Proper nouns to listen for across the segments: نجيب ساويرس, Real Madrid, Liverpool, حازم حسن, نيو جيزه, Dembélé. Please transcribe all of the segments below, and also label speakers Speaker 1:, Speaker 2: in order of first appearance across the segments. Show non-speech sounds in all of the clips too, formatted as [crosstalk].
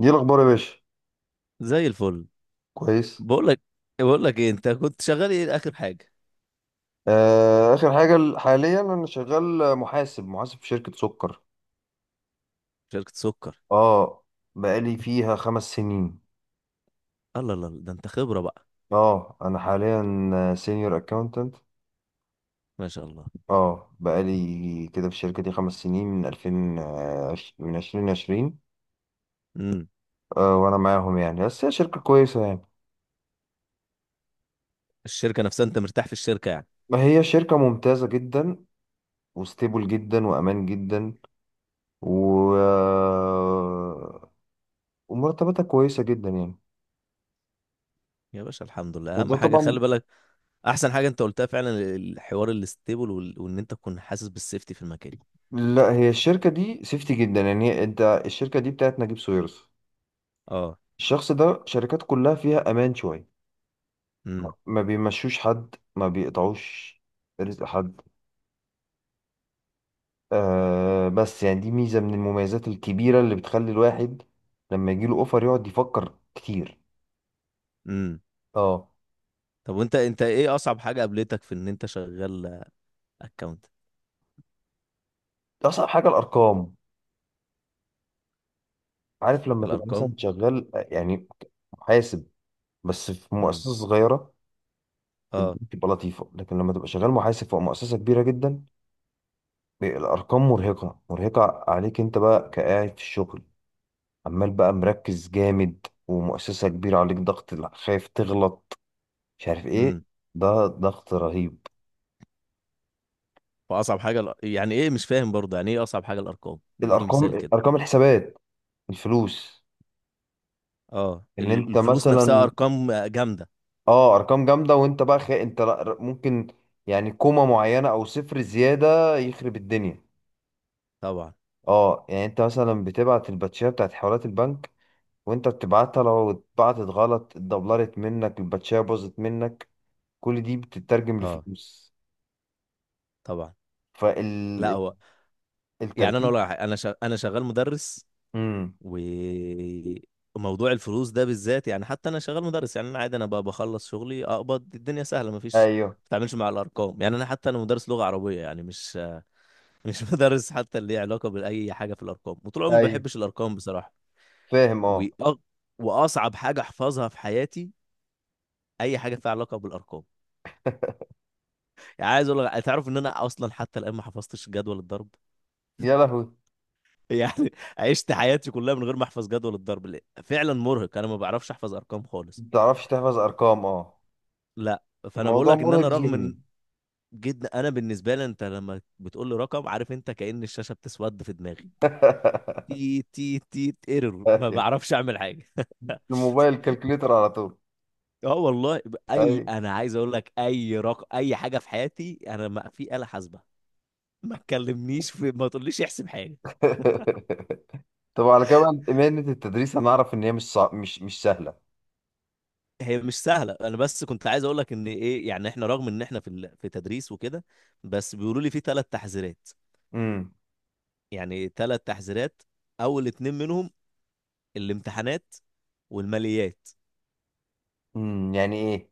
Speaker 1: دي الاخبار يا باشا.
Speaker 2: زي الفل.
Speaker 1: كويس.
Speaker 2: بقول لك بقول لك ايه انت كنت شغال ايه اخر حاجه.
Speaker 1: آه، اخر حاجه حاليا انا شغال محاسب في شركه سكر.
Speaker 2: شركه سكر.
Speaker 1: اه، بقالي فيها 5 سنين.
Speaker 2: الله الله الله، ده انت خبره بقى.
Speaker 1: اه، انا حاليا سينيور اكاونتنت.
Speaker 2: ما شاء الله.
Speaker 1: اه، بقالي كده في الشركه دي 5 سنين من 2020.
Speaker 2: امم.
Speaker 1: آه، وانا معاهم يعني، بس هي شركه كويسه يعني.
Speaker 2: الشركه نفسها انت مرتاح في الشركه يعني.
Speaker 1: ما هي شركه ممتازه جدا، وستيبل جدا، وامان جدا، و آه، ومرتباتها كويسه جدا يعني.
Speaker 2: يا باشا الحمد لله اهم
Speaker 1: وده
Speaker 2: حاجه خلي
Speaker 1: طبعا.
Speaker 2: بالك. احسن حاجه انت قلتها فعلا. الحوار الستيبل وان انت تكون حاسس بالسيفتي في المكان.
Speaker 1: لا، هي الشركة دي سيفتي جدا يعني، انت الشركة دي بتاعت نجيب ساويرس.
Speaker 2: اه.
Speaker 1: الشخص ده شركات كلها فيها امان شوية.
Speaker 2: امم.
Speaker 1: ما بيمشوش حد، ما بيقطعوش رزق حد. آه بس يعني، دي ميزة من المميزات الكبيرة اللي بتخلي الواحد لما يجيله اوفر يقعد يفكر كتير.
Speaker 2: امم.
Speaker 1: اه،
Speaker 2: طب وانت ايه اصعب حاجه قابلتك في ان انت شغال اكونت.
Speaker 1: اصعب حاجة الارقام. عارف لما تبقى مثلا
Speaker 2: الارقام.
Speaker 1: شغال يعني محاسب بس في
Speaker 2: امم.
Speaker 1: مؤسسة صغيرة، الدنيا
Speaker 2: اه.
Speaker 1: بتبقى لطيفة، لكن لما تبقى شغال محاسب في مؤسسة كبيرة جدا، الارقام مرهقه مرهقه عليك انت بقى كقاعد في الشغل، عمال بقى مركز جامد، ومؤسسه كبيره عليك ضغط، لا، خايف تغلط، مش عارف ايه.
Speaker 2: امم.
Speaker 1: ده ضغط رهيب.
Speaker 2: واصعب حاجه يعني ايه، مش فاهم برضه يعني ايه اصعب حاجه الارقام، اديني مثال
Speaker 1: الارقام،
Speaker 2: كده.
Speaker 1: ارقام الحسابات، الفلوس.
Speaker 2: اه
Speaker 1: ان انت
Speaker 2: الفلوس نفسها
Speaker 1: مثلا،
Speaker 2: ارقام جامده.
Speaker 1: اه، ارقام جامده، وانت بقى خي... انت لا- ممكن يعني كومه معينه او صفر زياده يخرب الدنيا.
Speaker 2: طبعا.
Speaker 1: اه يعني انت مثلا بتبعت الباتشيه بتاعت حوالات البنك، وانت بتبعتها لو اتبعتت غلط اتدبلرت منك الباتشيه باظت منك. كل دي بتترجم
Speaker 2: اه
Speaker 1: لفلوس،
Speaker 2: طبعا. لا
Speaker 1: فالتركيز.
Speaker 2: هو يعني انا اقول لك على حاجة، انا شغال مدرس.
Speaker 1: امم.
Speaker 2: وموضوع الفلوس ده بالذات، يعني حتى انا شغال مدرس، يعني انا عادي، انا بقى بخلص شغلي اقبض، الدنيا سهله، مفيش
Speaker 1: ايوه،
Speaker 2: ما بتعملش مع الارقام، يعني انا حتى انا مدرس لغه عربيه يعني مش [laughs] مدرس حتى اللي ليه علاقه باي حاجه في الارقام، وطول عمري ما
Speaker 1: ايوه،
Speaker 2: بحبش الارقام بصراحه.
Speaker 1: فاهم،
Speaker 2: وأ...
Speaker 1: اه.
Speaker 2: واصعب حاجه احفظها في حياتي اي حاجه فيها علاقه بالارقام. يعني عايز اقول لك، تعرف ان انا اصلا حتى الان ما حفظتش جدول الضرب.
Speaker 1: يا لهوي، ما
Speaker 2: [laughs] يعني عشت حياتي كلها من غير ما احفظ جدول الضرب، لأ، فعلا مرهق، انا ما بعرفش احفظ ارقام خالص.
Speaker 1: بتعرفش تحفظ ارقام، اه.
Speaker 2: لا. فانا بقول
Speaker 1: الموضوع
Speaker 2: لك ان
Speaker 1: مرهق
Speaker 2: انا، رغم ان،
Speaker 1: ذهني.
Speaker 2: جدا انا بالنسبه لي، انت لما بتقول لي رقم، عارف انت، كأن الشاشه بتسود في دماغي.
Speaker 1: [laughs]
Speaker 2: تي تي تي ايرور، ما
Speaker 1: أيوة.
Speaker 2: بعرفش اعمل حاجه [laughs]
Speaker 1: الموبايل كالكوليتر على طول.
Speaker 2: اه والله، اي
Speaker 1: ايوه.
Speaker 2: انا عايز اقول لك اي رقم اي حاجه في حياتي انا، ما في آلة حاسبه، ما تكلمنيش في، ما تقوليش احسب حاجه.
Speaker 1: [laughs] طب على كده بقى، مهنة التدريس هنعرف ان هي مش صع... مش مش سهلة.
Speaker 2: هي مش سهله، انا بس كنت عايز اقول لك ان ايه يعني، احنا رغم ان احنا في في تدريس وكده، بس بيقولوا لي في ثلاث تحذيرات.
Speaker 1: امم،
Speaker 2: يعني ثلاث تحذيرات، اول اتنين منهم الامتحانات والماليات.
Speaker 1: امم، يعني ايه؟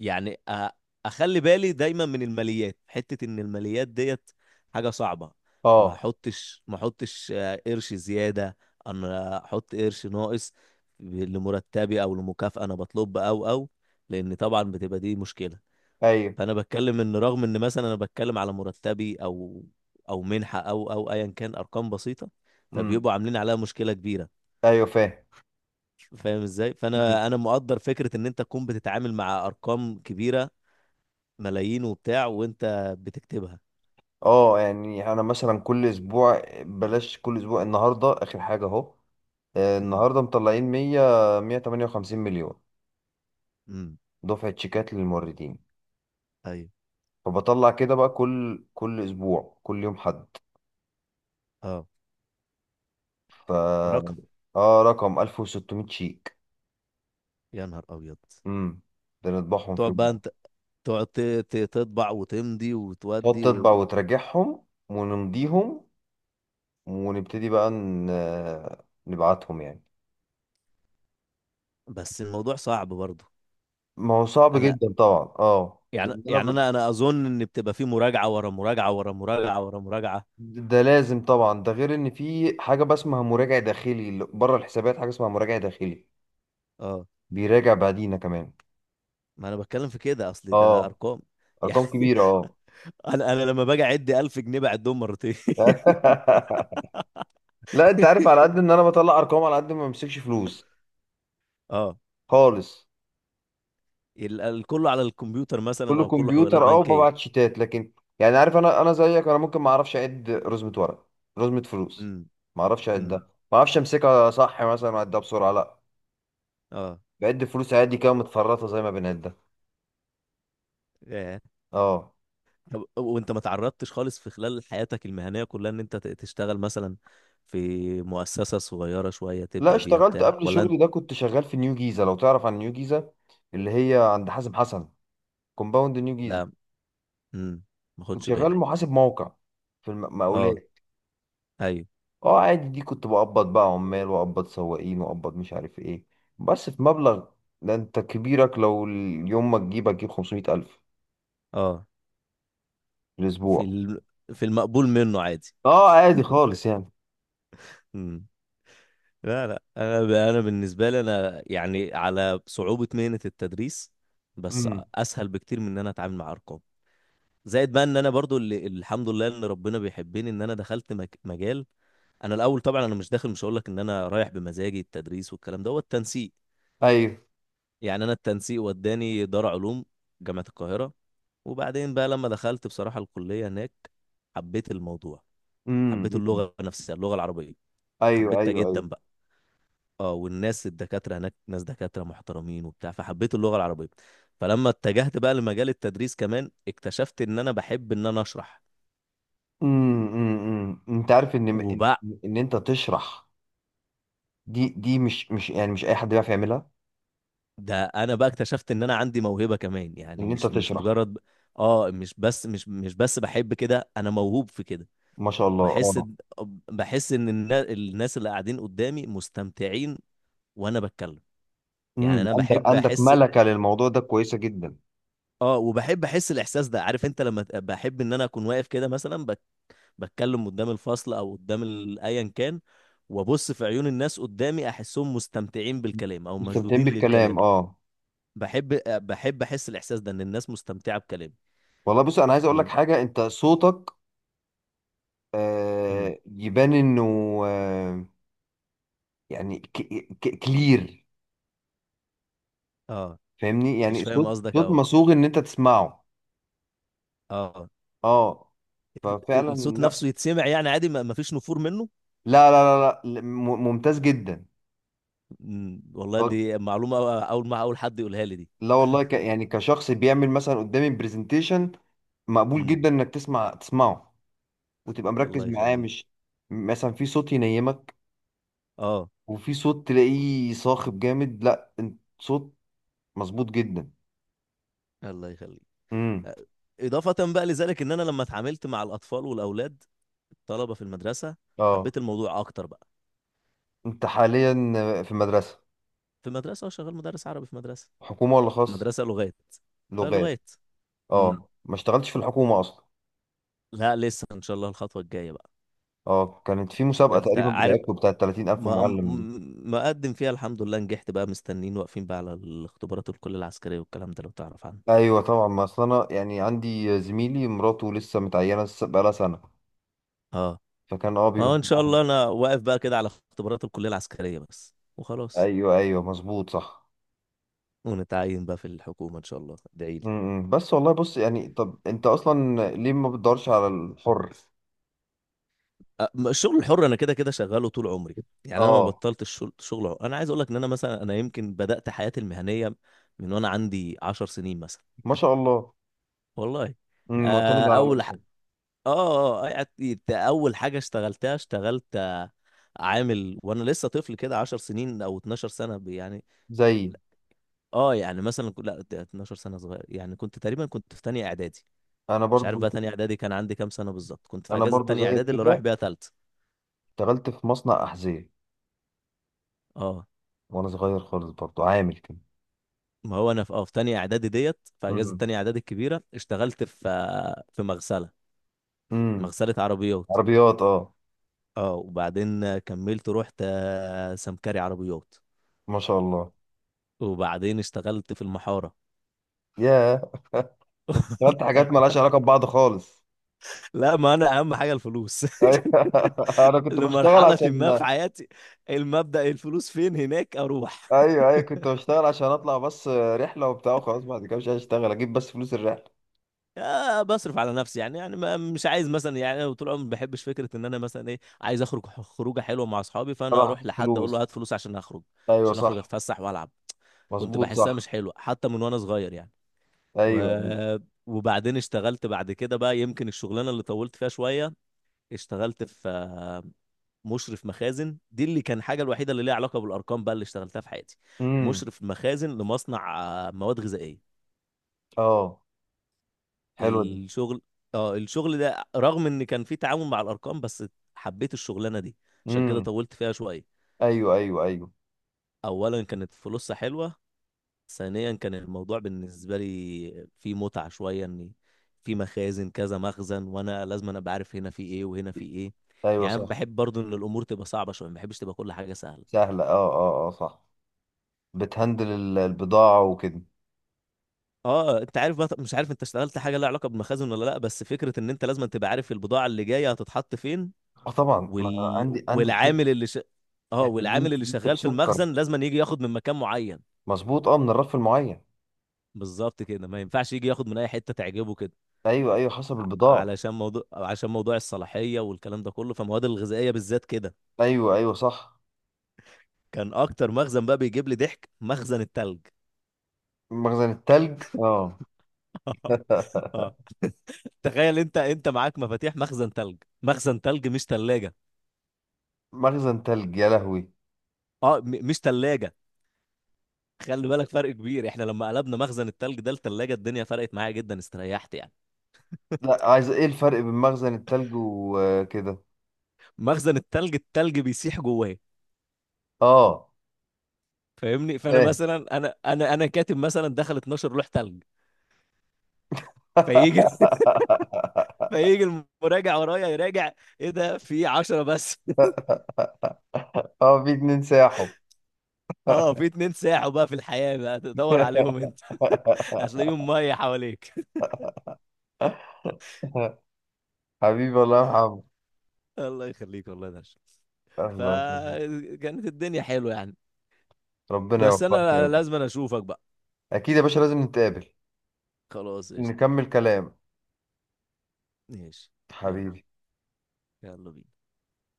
Speaker 2: يعني أ... اخلي بالي دايما من الماليات، حته ان الماليات ديت حاجه صعبه. ما
Speaker 1: اه،
Speaker 2: احطش ما احطش آه، قرش زياده، انا احط قرش ناقص لمرتبي او لمكافأة انا بطلب او، لان طبعا بتبقى دي مشكله.
Speaker 1: ايوه،
Speaker 2: فانا بتكلم ان رغم ان مثلا انا بتكلم على مرتبي او منحه او ايا كان، ارقام بسيطه
Speaker 1: امم،
Speaker 2: فبيبقوا عاملين عليها مشكله كبيره.
Speaker 1: ايوه، فاهم.
Speaker 2: فاهم ازاي.
Speaker 1: مم.
Speaker 2: فانا مقدر فكره ان انت تكون بتتعامل مع ارقام كبيره، ملايين وبتاع وانت بتكتبها.
Speaker 1: اه يعني انا مثلا كل اسبوع، بلاش كل اسبوع، النهارده اخر حاجة اهو. آه،
Speaker 2: امم.
Speaker 1: النهارده مطلعين 100، 158 مليون
Speaker 2: امم.
Speaker 1: دفعة شيكات للموردين.
Speaker 2: ايوه.
Speaker 1: فبطلع كده بقى كل اسبوع كل يوم حد،
Speaker 2: اه.
Speaker 1: ف
Speaker 2: رقم.
Speaker 1: اه رقم 1600 شيك.
Speaker 2: يا نهار ابيض.
Speaker 1: امم، ده نطبعهم في
Speaker 2: تقعد
Speaker 1: يوم
Speaker 2: بقى
Speaker 1: واحد.
Speaker 2: انت، تقعد ت- تطبع وتمضي
Speaker 1: تقعد
Speaker 2: وتودي
Speaker 1: تطبع وتراجعهم ونمضيهم، ونبتدي بقى نبعتهم يعني.
Speaker 2: بس الموضوع صعب برضه.
Speaker 1: ما هو صعب
Speaker 2: انا
Speaker 1: جدا طبعا، اه،
Speaker 2: يعني
Speaker 1: لان انا
Speaker 2: يعني انا اظن ان بتبقى في مراجعه ورا مراجعه ورا مراجعه ورا مراجعه.
Speaker 1: ده لازم طبعا. ده غير ان في حاجه بقى اسمها مراجع داخلي بره الحسابات، حاجه اسمها مراجع داخلي
Speaker 2: اه
Speaker 1: بيراجع بعدينا كمان.
Speaker 2: ما انا بتكلم في كده اصلي، ده
Speaker 1: اه،
Speaker 2: ارقام [laughs] يعني.
Speaker 1: ارقام كبيره، اه.
Speaker 2: انا لما باجي اعد 1000 جنيه بعدهم مرتين. [laughs]
Speaker 1: [laughs] لا، انت عارف على قد ان انا بطلع ارقام، على قد ما بمسكش فلوس
Speaker 2: اه
Speaker 1: خالص.
Speaker 2: كله على الكمبيوتر مثلا
Speaker 1: كله
Speaker 2: او كله حوالات
Speaker 1: كمبيوتر، اه،
Speaker 2: بنكيه.
Speaker 1: وببعت شيتات، لكن يعني عارف، انا زيك، انا ممكن ما اعرفش اعد رزمه ورق، رزمه فلوس،
Speaker 2: امم.
Speaker 1: ما اعرفش اعدها.
Speaker 2: امم.
Speaker 1: ما اعرفش امسكها صح مثلا واعدها بسرعه، لا.
Speaker 2: اه.
Speaker 1: بعد فلوس عادي كده متفرطه زي ما بنعدها.
Speaker 2: ياه.
Speaker 1: اه.
Speaker 2: طب وانت ما تعرضتش خالص في خلال حياتك المهنيه كلها ان انت تشتغل مثلا في مؤسسه صغيره شويه
Speaker 1: لا،
Speaker 2: تبدا بيها
Speaker 1: اشتغلت
Speaker 2: بتاع،
Speaker 1: قبل
Speaker 2: ولا انت؟
Speaker 1: شغلي ده كنت شغال في نيو جيزه، لو تعرف عن نيو جيزه، اللي هي عند حازم حسن، كومباوند نيو جيزه.
Speaker 2: لا. امم. ما
Speaker 1: كنت
Speaker 2: خدش
Speaker 1: شغال
Speaker 2: بالي.
Speaker 1: محاسب موقع في
Speaker 2: اه.
Speaker 1: المقاولات.
Speaker 2: ايوه.
Speaker 1: اه عادي، دي كنت بقبض بقى عمال، واقبض سواقين، واقبض مش عارف ايه. بس في مبلغ، ده انت كبيرك لو اليوم ما تجيب هتجيب 500 ألف
Speaker 2: اه
Speaker 1: في
Speaker 2: في
Speaker 1: الأسبوع.
Speaker 2: الم... في المقبول منه عادي.
Speaker 1: اه عادي خالص يعني.
Speaker 2: امم. لا لا انا بالنسبه لي انا يعني، على صعوبه مهنه التدريس بس
Speaker 1: امم،
Speaker 2: اسهل بكتير من ان انا اتعامل مع ارقام. زائد بقى ان انا برضو اللي الحمد لله ان ربنا بيحبني ان انا دخلت مجال. انا الاول طبعا انا مش داخل، مش هقول لك ان انا رايح بمزاجي التدريس والكلام ده، هو التنسيق.
Speaker 1: ايوه،
Speaker 2: يعني انا التنسيق وداني دار علوم جامعه القاهره، وبعدين بقى لما دخلت بصراحه الكليه هناك، حبيت الموضوع،
Speaker 1: امم،
Speaker 2: حبيت اللغه نفسها، اللغه العربيه،
Speaker 1: ايوه،
Speaker 2: حبيتها
Speaker 1: ايوه، ايوه،
Speaker 2: جدا. اه والناس الدكاترة هناك ناس دكاترة محترمين وبتاع فحبيت اللغة العربية. فلما اتجهت بقى لمجال التدريس كمان اكتشفت ان انا بحب ان انا اشرح
Speaker 1: امم، امم. أمم. انت عارف ان ان
Speaker 2: وبقى.
Speaker 1: ان انت تشرح، دي مش يعني، مش اي حد بيعرف يعملها،
Speaker 2: ده انا بقى اكتشفت ان انا عندي موهبة كمان، يعني
Speaker 1: ان انت
Speaker 2: مش
Speaker 1: تشرح.
Speaker 2: مجرد اه، مش بس، بحب كده، انا موهوب في كده.
Speaker 1: ما شاء الله، اه.
Speaker 2: بحس ان الناس اللي قاعدين قدامي مستمتعين وانا بتكلم، يعني
Speaker 1: امم،
Speaker 2: انا
Speaker 1: عندك
Speaker 2: بحب
Speaker 1: عندك
Speaker 2: احس،
Speaker 1: ملكة للموضوع ده كويسة جدا.
Speaker 2: اه وبحب احس الاحساس ده، عارف انت لما بحب ان انا اكون واقف كده مثلا، بتكلم قدام الفصل او قدام ايا كان، وابص في عيون الناس قدامي احسهم مستمتعين بالكلام او
Speaker 1: مستمتعين
Speaker 2: مشدودين
Speaker 1: بالكلام،
Speaker 2: للكلام.
Speaker 1: اه.
Speaker 2: بحب بحب احس الاحساس ده ان الناس مستمتعه بكلامي
Speaker 1: والله بص، انا عايز اقول لك
Speaker 2: و...
Speaker 1: حاجه، انت صوتك،
Speaker 2: مم.
Speaker 1: آه، يبان انه، آه يعني كلير.
Speaker 2: اه
Speaker 1: فاهمني،
Speaker 2: مش
Speaker 1: يعني
Speaker 2: فاهم
Speaker 1: صوت،
Speaker 2: قصدك
Speaker 1: صوت
Speaker 2: اه.
Speaker 1: مصوغ ان انت تسمعه.
Speaker 2: اه
Speaker 1: اه، ففعلا.
Speaker 2: الصوت
Speaker 1: لا،
Speaker 2: نفسه يتسمع يعني عادي، ما فيش نفور منه.
Speaker 1: لا، لا، لا, لا، ممتاز جدا.
Speaker 2: مم. والله
Speaker 1: آه،
Speaker 2: دي معلومه، اول ما اول حد يقولها لي دي.
Speaker 1: لا والله، يعني كشخص بيعمل مثلا قدامي برزنتيشن، مقبول جدا
Speaker 2: مم.
Speaker 1: انك تسمعه وتبقى
Speaker 2: الله
Speaker 1: مركز معاه،
Speaker 2: يخليك.
Speaker 1: مش مثلا في صوت ينيمك،
Speaker 2: اه
Speaker 1: وفي صوت تلاقيه صاخب جامد، لا انت صوت مظبوط جدا.
Speaker 2: الله يخليك.
Speaker 1: امم،
Speaker 2: اضافه بقى لذلك، ان انا لما اتعاملت مع الاطفال والاولاد، الطلبه في المدرسه،
Speaker 1: اه.
Speaker 2: حبيت الموضوع اكتر بقى.
Speaker 1: انت حاليا في مدرسة
Speaker 2: في مدرسه، شغال مدرس عربي في مدرسه.
Speaker 1: حكومة ولا خاص؟
Speaker 2: مدرسه لغات.
Speaker 1: لغات.
Speaker 2: فلغات. امم.
Speaker 1: اه، ما اشتغلتش في الحكومة اصلا.
Speaker 2: لا لسه ان شاء الله الخطوه الجايه بقى.
Speaker 1: اه، كانت في مسابقة
Speaker 2: انت
Speaker 1: تقريبا
Speaker 2: عارف.
Speaker 1: بتاعتكم بتاعت 30000
Speaker 2: ما م-
Speaker 1: معلم دي.
Speaker 2: مقدم فيها الحمد لله، نجحت بقى، مستنين واقفين بقى على الاختبارات، الكليه العسكريه والكلام ده، لو تعرف عنه.
Speaker 1: ايوه طبعا، ما اصل انا يعني عندي زميلي مراته لسه متعينة، لسه بقالها سنة.
Speaker 2: اه
Speaker 1: فكان، اه،
Speaker 2: ما هو
Speaker 1: بيروح
Speaker 2: ان شاء
Speaker 1: معاهم.
Speaker 2: الله انا واقف بقى كده على اختبارات الكليه العسكريه بس وخلاص،
Speaker 1: ايوه، ايوه، مظبوط، صح.
Speaker 2: ونتعين بقى في الحكومه ان شاء الله، ادعي لي.
Speaker 1: امم، بس والله بص يعني، طب انت اصلا ليه ما بتدورش على الحر؟
Speaker 2: الشغل الحر انا كده كده شغاله طول عمري، يعني انا ما
Speaker 1: اه،
Speaker 2: بطلت الشغل شغل حر. انا عايز اقول لك ان انا مثلا، انا يمكن بدات حياتي المهنيه من وانا عندي 10 سنين مثلا.
Speaker 1: ما شاء الله.
Speaker 2: والله.
Speaker 1: مم، معتمد
Speaker 2: آه،
Speaker 1: على
Speaker 2: اول ح...
Speaker 1: نفسك.
Speaker 2: اه يعني اول حاجه اشتغلتها، اشتغلت عامل وانا لسه طفل كده، 10 سنين او 12 سنه يعني.
Speaker 1: زي
Speaker 2: اه يعني مثلا لا ده 12 سنه صغير يعني، كنت تقريبا كنت في تانية اعدادي.
Speaker 1: انا
Speaker 2: مش عارف
Speaker 1: برضو
Speaker 2: بقى تانية اعدادي كان عندي كام سنه بالظبط، كنت في
Speaker 1: انا
Speaker 2: اجازه
Speaker 1: برضو
Speaker 2: تانية
Speaker 1: زيك
Speaker 2: اعدادي اللي رايح
Speaker 1: كده،
Speaker 2: بيها تالتة.
Speaker 1: اشتغلت في مصنع احذية
Speaker 2: اه
Speaker 1: وانا صغير خالص برضو عامل كده.
Speaker 2: ما هو انا في في تانية اعدادي ديت، في اجازة
Speaker 1: امم،
Speaker 2: تانية اعدادي الكبيرة اشتغلت في في مغسلة.
Speaker 1: امم،
Speaker 2: مغسلة عربيات.
Speaker 1: عربيات، اه.
Speaker 2: اه وبعدين كملت، رحت سمكري عربيات.
Speaker 1: ما شاء الله.
Speaker 2: وبعدين اشتغلت في المحارة.
Speaker 1: ياه. [laughs] انت اشتغلت حاجات
Speaker 2: [laughs]
Speaker 1: مالهاش علاقه ببعض خالص.
Speaker 2: لا ما انا اهم حاجة الفلوس
Speaker 1: ايوه، [laughs] انا
Speaker 2: [laughs]
Speaker 1: كنت بشتغل
Speaker 2: لمرحلة ما
Speaker 1: عشان،
Speaker 2: في حياتي، المبدأ الفلوس فين هناك اروح.
Speaker 1: ايوه، ايوه، كنت بشتغل عشان اطلع بس رحله وبتاع وخلاص. بعد كده مش عايز اشتغل، اجيب بس فلوس الرحله.
Speaker 2: بصرف على نفسي يعني، مش عايز مثلا يعني، أنا طول عمري ما بحبش فكره ان انا مثلا، ايه، عايز اخرج خروجه حلوه مع اصحابي فانا
Speaker 1: انا
Speaker 2: اروح
Speaker 1: حافظ
Speaker 2: لحد اقول له
Speaker 1: فلوس.
Speaker 2: هات فلوس عشان اخرج،
Speaker 1: ايوه
Speaker 2: عشان اخرج
Speaker 1: صح.
Speaker 2: اتفسح والعب. كنت
Speaker 1: مظبوط
Speaker 2: بحسها
Speaker 1: صح.
Speaker 2: مش حلوه حتى من وانا صغير يعني. و...
Speaker 1: ايوه.
Speaker 2: وبعدين اشتغلت بعد كده بقى، يمكن الشغلانه اللي طولت فيها شويه، اشتغلت في مشرف مخازن، دي اللي كان حاجه الوحيده اللي ليها علاقه بالارقام بقى اللي اشتغلتها في حياتي.
Speaker 1: امم،
Speaker 2: مشرف مخازن لمصنع مواد غذائيه.
Speaker 1: اه، حلوه دي.
Speaker 2: الشغل، اه الشغل ده، رغم ان كان في تعاون مع الارقام، بس حبيت الشغلانه دي عشان كده
Speaker 1: امم،
Speaker 2: طولت فيها شويه.
Speaker 1: ايوه، ايوه، ايوه،
Speaker 2: اولا كانت فلوسها حلوه، ثانيا كان الموضوع بالنسبه لي فيه متعه شويه، ان في مخازن كذا مخزن وانا لازم أنا ابقى عارف هنا في ايه وهنا في ايه،
Speaker 1: ايوه
Speaker 2: يعني أنا
Speaker 1: صح.
Speaker 2: بحب برضو ان الامور تبقى صعبه شويه، ما بحبش تبقى كل حاجه سهله.
Speaker 1: سهله، اه، اه، اه، صح. بتهندل البضاعه وكده.
Speaker 2: اه انت عارف بقى، مش عارف انت اشتغلت حاجه لها علاقه بالمخازن ولا لا، بس فكره ان انت لازم تبقى عارف البضاعه اللي جايه هتتحط فين
Speaker 1: اه طبعا، ما
Speaker 2: وال...
Speaker 1: عندي شيء،
Speaker 2: والعامل اللي ش... اه
Speaker 1: احنا
Speaker 2: والعامل اللي
Speaker 1: بننتج
Speaker 2: شغال في
Speaker 1: سكر.
Speaker 2: المخزن لازم أن يجي ياخد من مكان معين،
Speaker 1: مظبوط اه، من الرف المعين.
Speaker 2: بالظبط كده، ما ينفعش يجي ياخد من اي حته تعجبه كده،
Speaker 1: ايوه، ايوه، حسب البضاعة.
Speaker 2: علشان موضوع عشان موضوع الصلاحيه والكلام ده كله، فالمواد الغذائيه بالذات كده.
Speaker 1: ايوه، ايوه، صح.
Speaker 2: كان اكتر مخزن بقى بيجيب لي ضحك مخزن التلج.
Speaker 1: مخزن التلج، اه.
Speaker 2: [laughs] اه تخيل انت، معاك مفاتيح مخزن تلج، مخزن تلج مش تلاجة.
Speaker 1: مخزن تلج، يا لهوي.
Speaker 2: اه مش تلاجة. خلي بالك، فرق كبير. احنا لما قلبنا مخزن التلج ده لتلاجة، الدنيا فرقت معايا جدا، استريحت يعني.
Speaker 1: لا، عايز ايه الفرق بين مخزن التلج وكده؟
Speaker 2: مخزن التلج، التلج بيسيح جواه،
Speaker 1: اه،
Speaker 2: فاهمني، فانا
Speaker 1: فاهم.
Speaker 2: مثلا انا كاتب مثلا دخل 12 لوح تلج. فيجي [laughs]
Speaker 1: [laughs]
Speaker 2: فيجي المراجع ورايا يراجع، ايه ده في 10 بس. [laughs]
Speaker 1: اه، في اتنين ساحوا.
Speaker 2: اه في اتنين ساحوا بقى، في الحياة بقى تدور عليهم انت. [laughs] هتلاقيهم
Speaker 1: [laughs]
Speaker 2: مية حواليك.
Speaker 1: حبيبي، الله، يا محمد.
Speaker 2: [laughs] الله يخليك والله ده،
Speaker 1: الله يخليك.
Speaker 2: فكانت الدنيا حلوة يعني.
Speaker 1: ربنا
Speaker 2: بس
Speaker 1: يوفقك يا
Speaker 2: انا
Speaker 1: رب.
Speaker 2: لازم أنا اشوفك بقى.
Speaker 1: اكيد يا باشا، لازم نتقابل،
Speaker 2: خلاص قشطة.
Speaker 1: نكمل كلام،
Speaker 2: ماشي. يلا.
Speaker 1: حبيبي.
Speaker 2: يلا بينا.